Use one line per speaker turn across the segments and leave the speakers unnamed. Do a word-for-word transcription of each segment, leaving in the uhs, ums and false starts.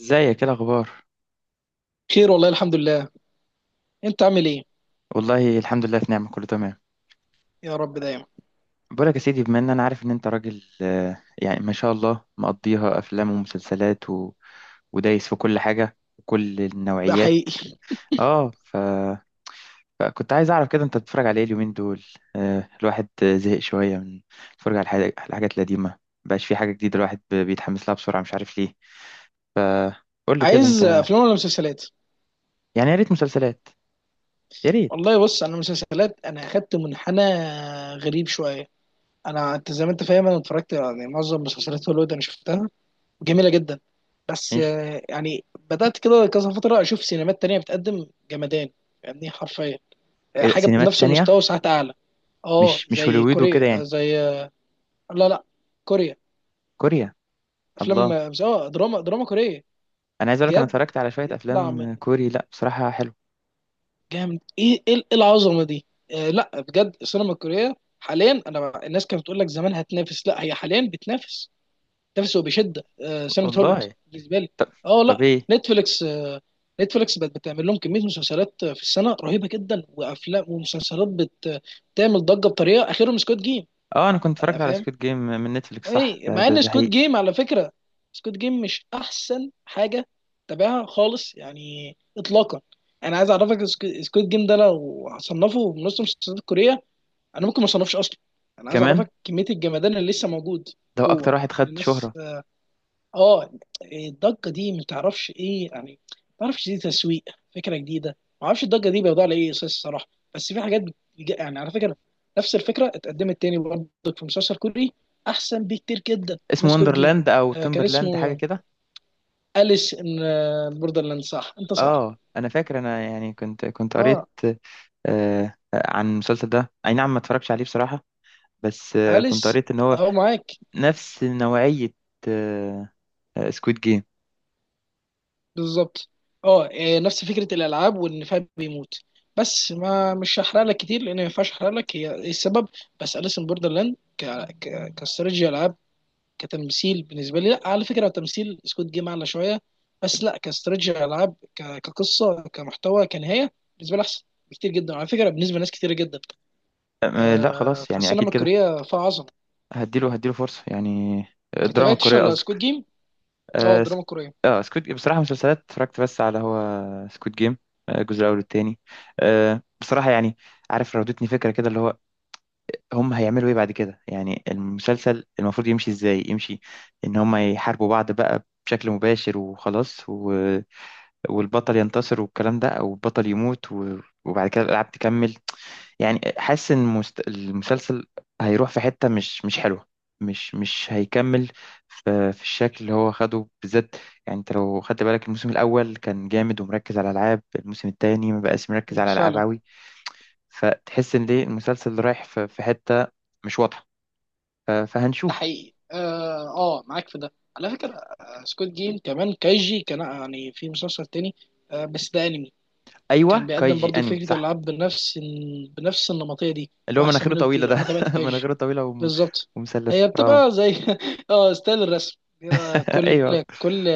ازيك؟ ايه الاخبار؟
خير والله الحمد لله. انت عامل ايه؟
والله الحمد لله في نعمه كله تمام.
يا رب دايما.
بقولك يا سيدي، بما ان انا عارف ان انت راجل آه، يعني ما شاء الله مقضيها افلام ومسلسلات و... ودايس في كل حاجه وكل
ده
النوعيات.
حقيقي.
اه ف... فكنت عايز اعرف كده انت بتتفرج على ايه اليومين دول؟ آه، الواحد زهق شويه من الفرجه على الحاجات على الحاجات القديمه. مبقاش في حاجه جديده الواحد ب- بيتحمس لها بسرعه، مش عارف ليه. قول لي كده
عايز
انت.
افلام ولا مسلسلات؟
يعني يا ريت مسلسلات، يا ريت.
والله بص، انا مسلسلات، انا اخدت منحنى غريب شويه. انا انت زي ما انت فاهم، انا اتفرجت يعني معظم مسلسلات هوليوود، انا شفتها، جميله جدا. بس
ماشي.
آه، يعني بدات كده كذا فتره اشوف سينمات تانية بتقدم جمدان، يعني حرفيا آه،
إيه ده،
حاجه
سينمات
بنفس المستوى
تانية؟
وساعات اعلى. اه
مش مش
زي
هوليوود وكده
كوريا، آه،
يعني؟
زي آه، لا لا، كوريا
كوريا.
افلام.
الله.
اه دراما دراما كوريه
انا عايز اقول لك انا
بجد.
اتفرجت على شويه
بيطلع
افلام
من
كوري، لا بصراحه حلو.
جامد، ايه ايه إيه العظمه دي؟ آه لا بجد، السينما الكوريه حاليا، انا بقى- الناس كانت بتقول لك زمان هتنافس، لا هي حاليا بتنافس، بتنافس وبشده آه سينما هوليوود
والله.
بالنسبه لي.
طب.
اه
طب
لا،
ايه؟
نتفليكس، آه نتفليكس بقت بتعمل لهم كميه مسلسلات في السنه رهيبه جدا، وافلام ومسلسلات بت- بتعمل ضجه بطريقه، اخرهم سكوت جيم.
اه، انا كنت اتفرجت على سكويد جيم من نتفليكس، صح.
اي،
ده
مع
ده,
ان
ده
سكوت
حقيقي.
جيم على فكره، سكوت جيم مش احسن حاجه تابعها خالص يعني اطلاقا. انا عايز اعرفك، سكوت جيم ده لو هصنفه من نص المسلسلات الكوريه، انا ممكن ما اصنفش اصلا. انا عايز
كمان.
اعرفك كميه الجمدان اللي لسه موجود
ده هو
جوه
اكتر واحد خد
الناس.
شهرة.
اه، الضجه دي ما تعرفش ايه يعني، ما تعرفش دي تسويق، فكره جديده، ما اعرفش الضجه دي بيوضع على ايه اساس الصراحه. بس في حاجات بتج- يعني على فكره، نفس الفكره اتقدمت تاني برضه، في مسلسل كوري احسن بكتير جدا من
اسمه
سكوت جيم.
وندرلاند او
آه كان
تومبرلاند حاجة
اسمه
كده.
أليس ان بوردرلاند، صح انت صح.
اه، انا فاكر انا يعني كنت كنت قريت
اه
آه عن المسلسل ده، اي نعم ما اتفرجش عليه بصراحة. بس آه كنت
أليس،
قريت ان هو
اهو معاك.
نفس نوعية آه سكويد جيم.
بالظبط. اه، إيه، نفس فكره الالعاب وان فهد بيموت، بس ما مش هحرق لك كتير لان ما ينفعش احرق لك هي إيه السبب. بس اليسن بوردرلاند ك ك كاستراتيجي العاب، كتمثيل بالنسبه لي، لا على فكره تمثيل سكوت جيم اعلى شويه، بس لا كاستراتيجي العاب، ك- كقصه، كمحتوى، كنهايه بالنسبه لي احسن بكتير جدا على فكره، بالنسبه لناس كتير جدا.
آه Squid Game. آه، لا
آه
خلاص يعني اكيد
فالسينما
كده.
الكوريه فيها عظمه.
هديله هديله فرصة يعني،
ما
الدراما
تابعتش
الكورية
الا
قصدي.
سكوت جيم اه،
اه سك-
الدراما الكوريه.
آه، سكوت جيم، بصراحة مسلسلات اتفرجت بس على هو سكوت جيم، آه، الجزء الأول والتاني. آه، بصراحة يعني، عارف، راودتني فكرة كده اللي هو هم هيعملوا ايه بعد كده؟ يعني المسلسل المفروض يمشي ازاي؟ يمشي ان هم يحاربوا بعض بقى بشكل مباشر وخلاص و... والبطل ينتصر والكلام ده، او البطل يموت و... وبعد كده الألعاب تكمل. يعني حاسس ان مست... المسلسل هيروح في حتة مش مش حلوة، مش مش هيكمل في, في الشكل اللي هو خده بالذات. يعني انت لو خدت بالك، الموسم الاول كان جامد ومركز على العاب، الموسم التاني ما بقاش مركز على العاب
فعلا،
قوي. فتحس ان ليه المسلسل رايح في, في حتة مش واضحة. ف...
ده
فهنشوف.
حقيقي اه، آه، معاك في ده على فكرة. آه، سكوت جيم كمان كايجي، كان يعني في مسلسل تاني، آه، بس ده انمي. كان
ايوه
بيقدم
كايجي
برضو
انمي
فكرة
صح.
الألعاب، بنفس بنفس النمطية دي.
اللي هو
وأحسن
مناخيره
منه
طويلة ده.
كتير، أنا تابعت كايجي.
مناخيره طويلة وم...
بالظبط. هي
ومثلثة اه.
بتبقى زي اه، ستايل الرسم بيبقى، كل
ايوه،
كل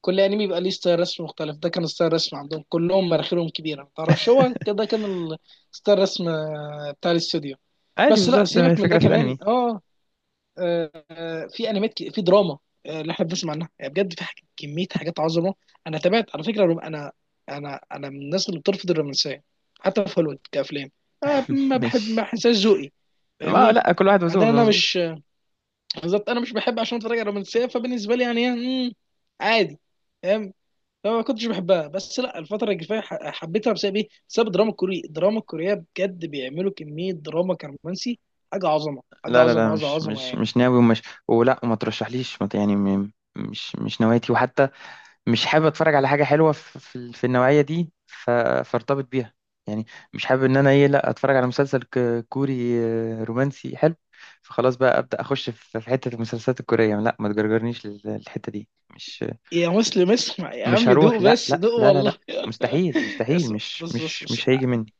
كل انمي بيبقى ليه ستايل رسم مختلف. ده كان ستايل رسم عندهم كلهم مراخيرهم كبيرة، ما تعرفش هو ده كان ال- ستايل رسم آه، بتاع الاستوديو.
عادي
بس لا
بالظبط
سيبك من ده
الفكرة في
كمان
الانمي.
اه، آه، في انميات، ك- في دراما، آه، اللي احنا بنسمع عنها، يعني بجد في حاجة، كميه حاجات عظمه. انا تابعت على فكره الروم- انا، انا انا من الناس اللي بترفض الرومانسيه، حتى في هوليوود كافلام. انا ما بحب، ما
مش.
بحسهاش ذوقي
ما
فاهمني.
لا، كل واحد
بعدين
وذوقه،
انا
مظبوط.
مش، بالظبط انا مش بحب عشان اتفرج على رومانسيه، فبالنسبه لي يعني مم، عادي فاهم. فما كنتش بحبها، بس لا الفتره الجايه، ح- حبيتها بسبب ايه؟ بسبب الدراما الكورية. الدراما الكورية بجد بيعملوا كميه دراما كرومانسي حاجه عظمه، حاجه
لا لا لا،
عظمه عظمه
مش
عظمه
مش
يعني.
مش ناوي ومش. ولا، وما ترشحليش ما ت- يعني م- مش مش نوايتي. وحتى مش حابب اتفرج على حاجه حلوه في في ال- في النوعيه دي ف- فارتبط بيها يعني. مش حابب ان انا ايه لا اتفرج على مسلسل ك- كوري آه، رومانسي حلو، فخلاص بقى ابدا اخش في في حته المسلسلات الكوريه. لا ما تجرجرنيش لل- للحته دي. مش
يا مسلم اسمع يا
مش
عم،
هروح،
دوق
لا
بس
لا
دوق
لا لا لا.
والله
مستحيل مستحيل،
اسمع،
مش
بص بص
مش
بص.
مش هيجي مني.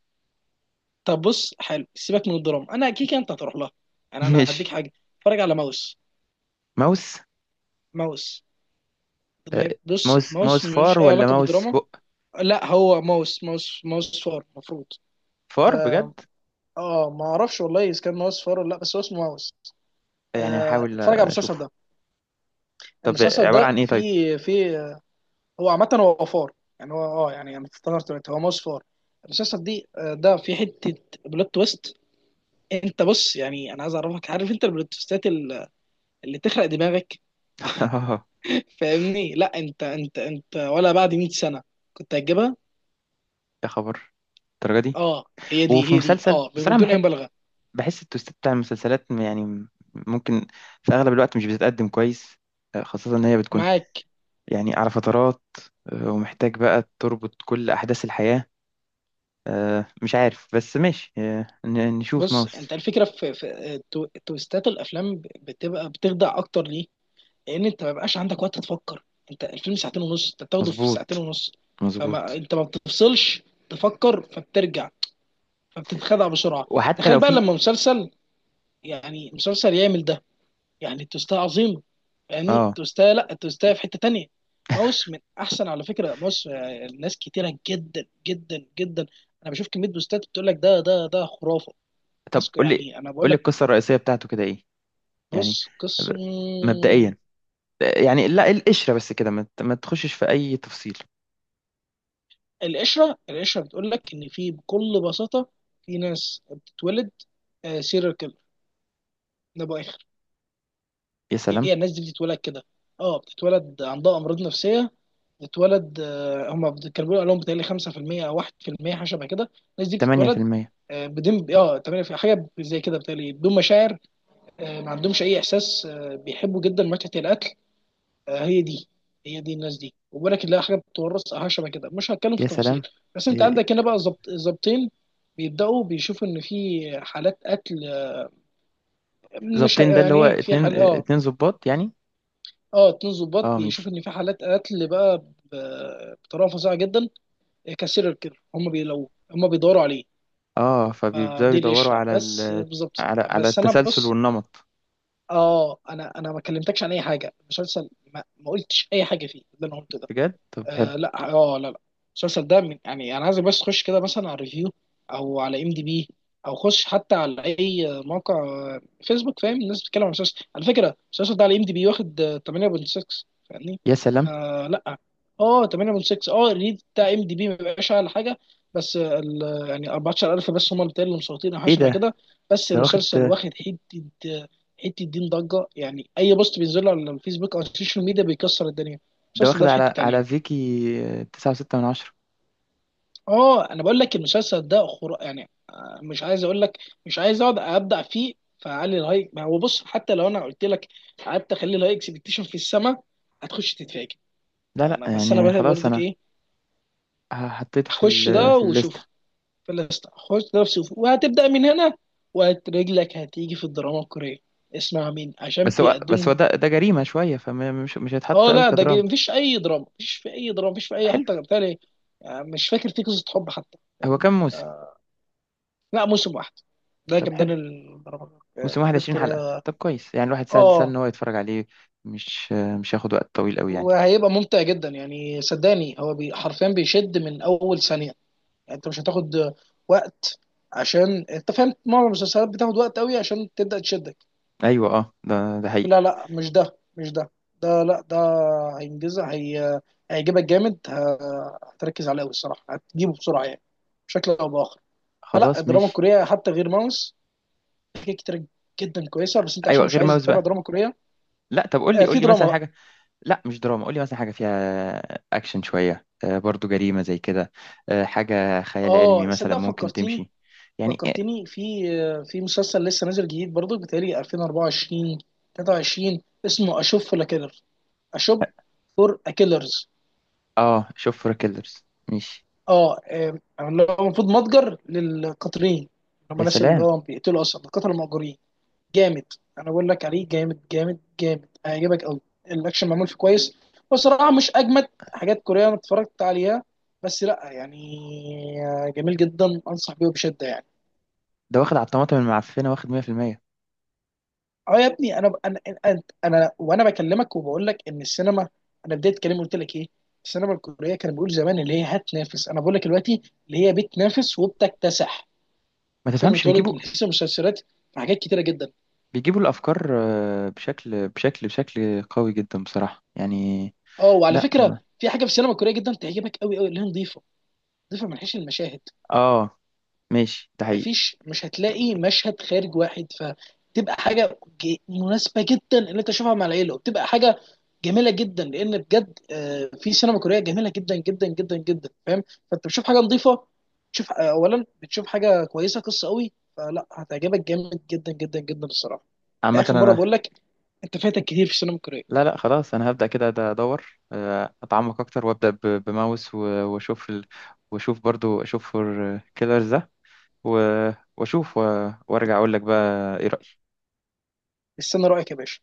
طب بص حلو، سيبك من الدراما، انا كيكه انت هتروح لها، يعني انا هديك
ماشي.
حاجه، اتفرج على ماوس.
ماوس.
ماوس، ما
آه،
هي- بص،
ماوس. ماوس
ماوس
فار
ملوش اي
ولا
علاقه
ماوس
بالدراما.
بق؟
لا، هو ماوس، ماوس ماوس فار المفروض.
فار بجد.
اه، آه، ما اعرفش والله اذا كان ماوس فار ولا لا، بس هو اسمه ماوس.
يعني
آه
هحاول
اتفرج على المسلسل
اشوفه.
ده.
طب
المسلسل
عبارة
ده
عن ايه طيب؟
فيه فيه، هو عامه هو فار يعني. هو اه، يعني انا افتكرت دلوقتي، هو ماوس فار. المسلسل دي، آه، ده في حته، بلوت تويست. انت بص يعني، انا عايز اعرفك، عارف انت البلوتوستات ال- اللي تخرق دماغك فاهمني، لا انت انت انت ولا بعد مية سنة سنه كنت هتجيبها.
يا خبر، الدرجة دي.
اه، هي دي
وفي
هي دي
مسلسل
اه
بصراحة
بدون اي
بحب،
مبالغه.
بحس التوست بتاع المسلسلات م- يعني م- ممكن في اغلب الوقت مش بتتقدم كويس، آه، خاصة ان هي بتكون
معاك.
يعني على فترات، آه، ومحتاج بقى تربط كل احداث الحياة. آه، مش عارف بس ماشي، آه، ن- نشوف
بص، انت
ماوس.
الفكره في, في تو- تويستات الافلام ب- بتبقى بتخدع اكتر ليه؟ لان انت ما بيبقاش عندك وقت تفكر. انت الفيلم ساعتين ونص، انت بتاخده في ساعتين
مظبوط،
ونص، فما
مظبوط.
انت ما بتفصلش تفكر، فبترجع فبتتخدع بسرعه.
وحتى لو
تخيل بقى
في.
لما مسلسل، يعني مسلسل يعمل ده، يعني التوستايه عظيمه فاهمني.
اه.
التوستايه لا، التوستايه في حته تانيه. ماوس من احسن، على فكره ماوس، آه، ناس كتيره جدا جدا جدا، انا بشوف كميه بوستات بتقول لك ده ده ده خرافه.
طب
ناس ك-
قول لي،
يعني انا بقول
قول لي
لك،
القصة الرئيسية بتاعته كده ايه يعني؟
بص
ب-
قسم.
مبدئيا يعني، لا القشرة بس كده، ما ت- ما تخشش في أي تفصيل.
القشره، القشره بتقول لك ان في بكل بساطه في ناس بتتولد سيريال كيلر. ده باخر،
يا سلام.
هي الناس دي بتتولد كده، اه بتتولد عندها امراض نفسيه، بتتولد، آه، هم بت- كانوا بيقولوا لهم بتهيألي خمسة في المية او واحد في المية حاجه شبه كده. الناس دي بتتولد
تمانية في المية.
آه، بدون، اه تمام، في حاجه زي كده بتهيألي بدون مشاعر، آه، ما عندهمش اي احساس، آه، بيحبوا جدا متعه الاكل، آه، هي دي، هي دي الناس دي. وبالك تلاقي حاجه بتتورث او حاجه شبه كده، مش هتكلم في
يا
تفاصيل.
سلام.
بس انت
إيه،
عندك هنا بقى، ظبط ظابطين بيبداوا بيشوفوا ان في حالات قتل، آه، مش
ظابطين
هي-
ده اللي
يعني
هو
ايه في
اتنين،
حال
اه،
اه
اتنين ظباط يعني؟
اه، اتنين ظباط
اه ماشي.
بيشوفوا ان في حالات قتل بقى، ب- بطريقه فظيعه جدا كسيريال كيلر. هم بي لو هم بيدوروا عليه.
اه، فبيبدأوا
فدي
يدوروا
القشره
على
بس
ال،
بالظبط.
على على
بس انا
التسلسل
بص،
والنمط.
اه، انا انا ما كلمتكش عن اي حاجه، المسلسل ما, ما قلتش اي حاجه فيه، ده اللي انا قلته ده.
بجد؟ طب حلو.
آه لا اه لا لا، المسلسل ده من، يعني انا عايزك بس تخش كده مثلا على الريفيو، او على ام دي بي، او خش حتى على اي موقع، آه، فيسبوك، فاهم الناس بتتكلم عن المسلسل. على فكره المسلسل ده على ام دي بي واخد، آه، تمانية فاصلة ستة، فاهمني.
يا سلام.
آه لا اه تمانية فاصلة ستة، اه الريد بتاع ام دي بي ما بيبقاش اعلى حاجه، بس آه، ال- يعني اربعة عشر الف بس هم اللي مسيطرين او حاجه
ايه
شبه
ده؟
كده. بس
ده واخد.
المسلسل واخد حته، آه، حته دين ضجه، يعني اي بوست بينزله على الفيسبوك او السوشيال ميديا بيكسر الدنيا.
ده
المسلسل
واخد
ده في حته
على على
تانيه
فيكي تسعة وستة من عشرة.
اه، انا بقول لك المسلسل ده خر... يعني، آه، مش عايز اقول لك، مش عايز اقعد ابدع فيه، فعلي الهاي، ما هو بص حتى لو انا قلت لك قعدت اخلي الهاي اكسبكتيشن في السماء، هتخش تتفاجئ.
لا لا
انا بس انا
يعني
بقى
خلاص
برضك
أنا
ايه،
ه- حطيته في
اخش
ال،
ده
في الليستة.
وشوف. في الليست اخش ده وشوف، وهتبدا من هنا، ورجلك هتيجي في الدراما الكوريه، اسمع مين عشان
بس هو بس هو
بيقدموا.
ده، ده جريمة شوية، فمش مش هيتحط
اه
قوي
لا ده جي-
كدراما.
مفيش اي دراما، مفيش في اي دراما، مفيش في اي
حلو.
حتى بتاع، مش فاكر في قصه حب حتى.
هو كام موسم؟
لا موسم واحد، ده
طب
كان
حلو،
الدراما
موسم واحد
الحاجات
عشرين حلقة،
الكورية.
طب كويس، يعني الواحد سهل، سهل ان
اه،
هو يتفرج عليه، مش مش هياخد وقت طويل قوي يعني.
وهيبقى ممتع جدا يعني صدقني، هو بي حرفيا بيشد من اول ثانية، يعني انت مش هتاخد وقت، عشان انت فاهم معظم المسلسلات بتاخد وقت قوي عشان تبدأ تشدك.
ايوه اه، ده ده حقيقي.
لا لا، مش ده، مش ده ده لا ده هينجزها هي، هيعجبك جامد، ه- هتركز عليه قوي الصراحة، هتجيبه بسرعة يعني، بشكل او باخر. فلا
خلاص
الدراما
ماشي.
الكورية، حتى غير ماوس، في حاجات كتير جدا كويسة، بس انت عشان
ايوه،
مش
غير
عايز
ماوس
تتابع
بقى،
دراما كورية،
لا طب قول لي،
آه،
قول
في
لي
دراما
مثلا
بقى.
حاجة. لا مش دراما، قول لي مثلا حاجة فيها اكشن شوية آه برضو جريمة زي كده، آه حاجة خيال علمي
اه
مثلا
صدق،
ممكن
فكرتيني،
تمشي يعني.
فكرتيني في، آه، في مسلسل لسه نازل جديد برضو بتهيألي الفين واربعة وعشرين، تلاتة وعشرين، اسمه اشوب فور كيلر، اشوب فور كيلرز.
اه. آه، شوف فور كيلرز. ماشي.
اه، آه، اللي هو المفروض متجر للقاتلين، اللي هم
يا
الناس اللي
سلام.
هو بيقتلوا، اصلا القتله المأجورين. جامد، انا بقول لك عليه جامد جامد جامد، هيعجبك قوي، الاكشن معمول فيه كويس بصراحه، مش اجمد حاجات كوريه انا اتفرجت عليها، بس لا يعني، آه، جميل جدا، انصح بيه بشده يعني.
ده واخد على الطماطم المعفنة واخد مية في المية.
اه يا ابني، انا انا انا, أنا وانا بكلمك وبقول لك ان السينما، انا بدايه كلامي قلت لك ايه، السينما الكوريه كان بيقول زمان اللي هي هتنافس، انا بقول لك دلوقتي اللي هي بتنافس وبتكتسح
ما
سينما،
تفهمش،
اتولد
بيجيبوا.
من حيث المسلسلات في حاجات كتيره جدا.
بيجيبوا الافكار آه، بشكل بشكل بشكل قوي جدا بصراحة يعني.
اه، وعلى
لا
فكره،
ما.
في حاجه في السينما الكوريه جدا تعجبك قوي قوي، اللي هي نظيفه، نظيفه من حيث المشاهد،
اه ماشي، ده حقيقي.
مفيش، مش هتلاقي مشهد خارج واحد، فتبقى حاجه ج- مناسبه جدا ان انت تشوفها مع العيله، وبتبقى حاجه جميله جدا لان بجد، آه، في سينما كوريه جميله جدا جدا جدا جدا فاهم. فانت بتشوف حاجه نظيفه، تشوف، آه، اولا بتشوف حاجه كويسه قصه قوي، فلا هتعجبك جامد جدا جدا جدا الصراحه.
عامة
لاخر مره
انا.
بقول لك، انت فاتك كتير في السينما الكوريه.
لا لا خلاص، انا هبدأ كده، ده ادور آه، اتعمق اكتر وابدأ ب- بماوس و... واشوف ال... واشوف برضو اشوف فور كيلرز ده و... واشوف و... وارجع اقول لك بقى ايه رأيي.
استنى رايك يا باشا.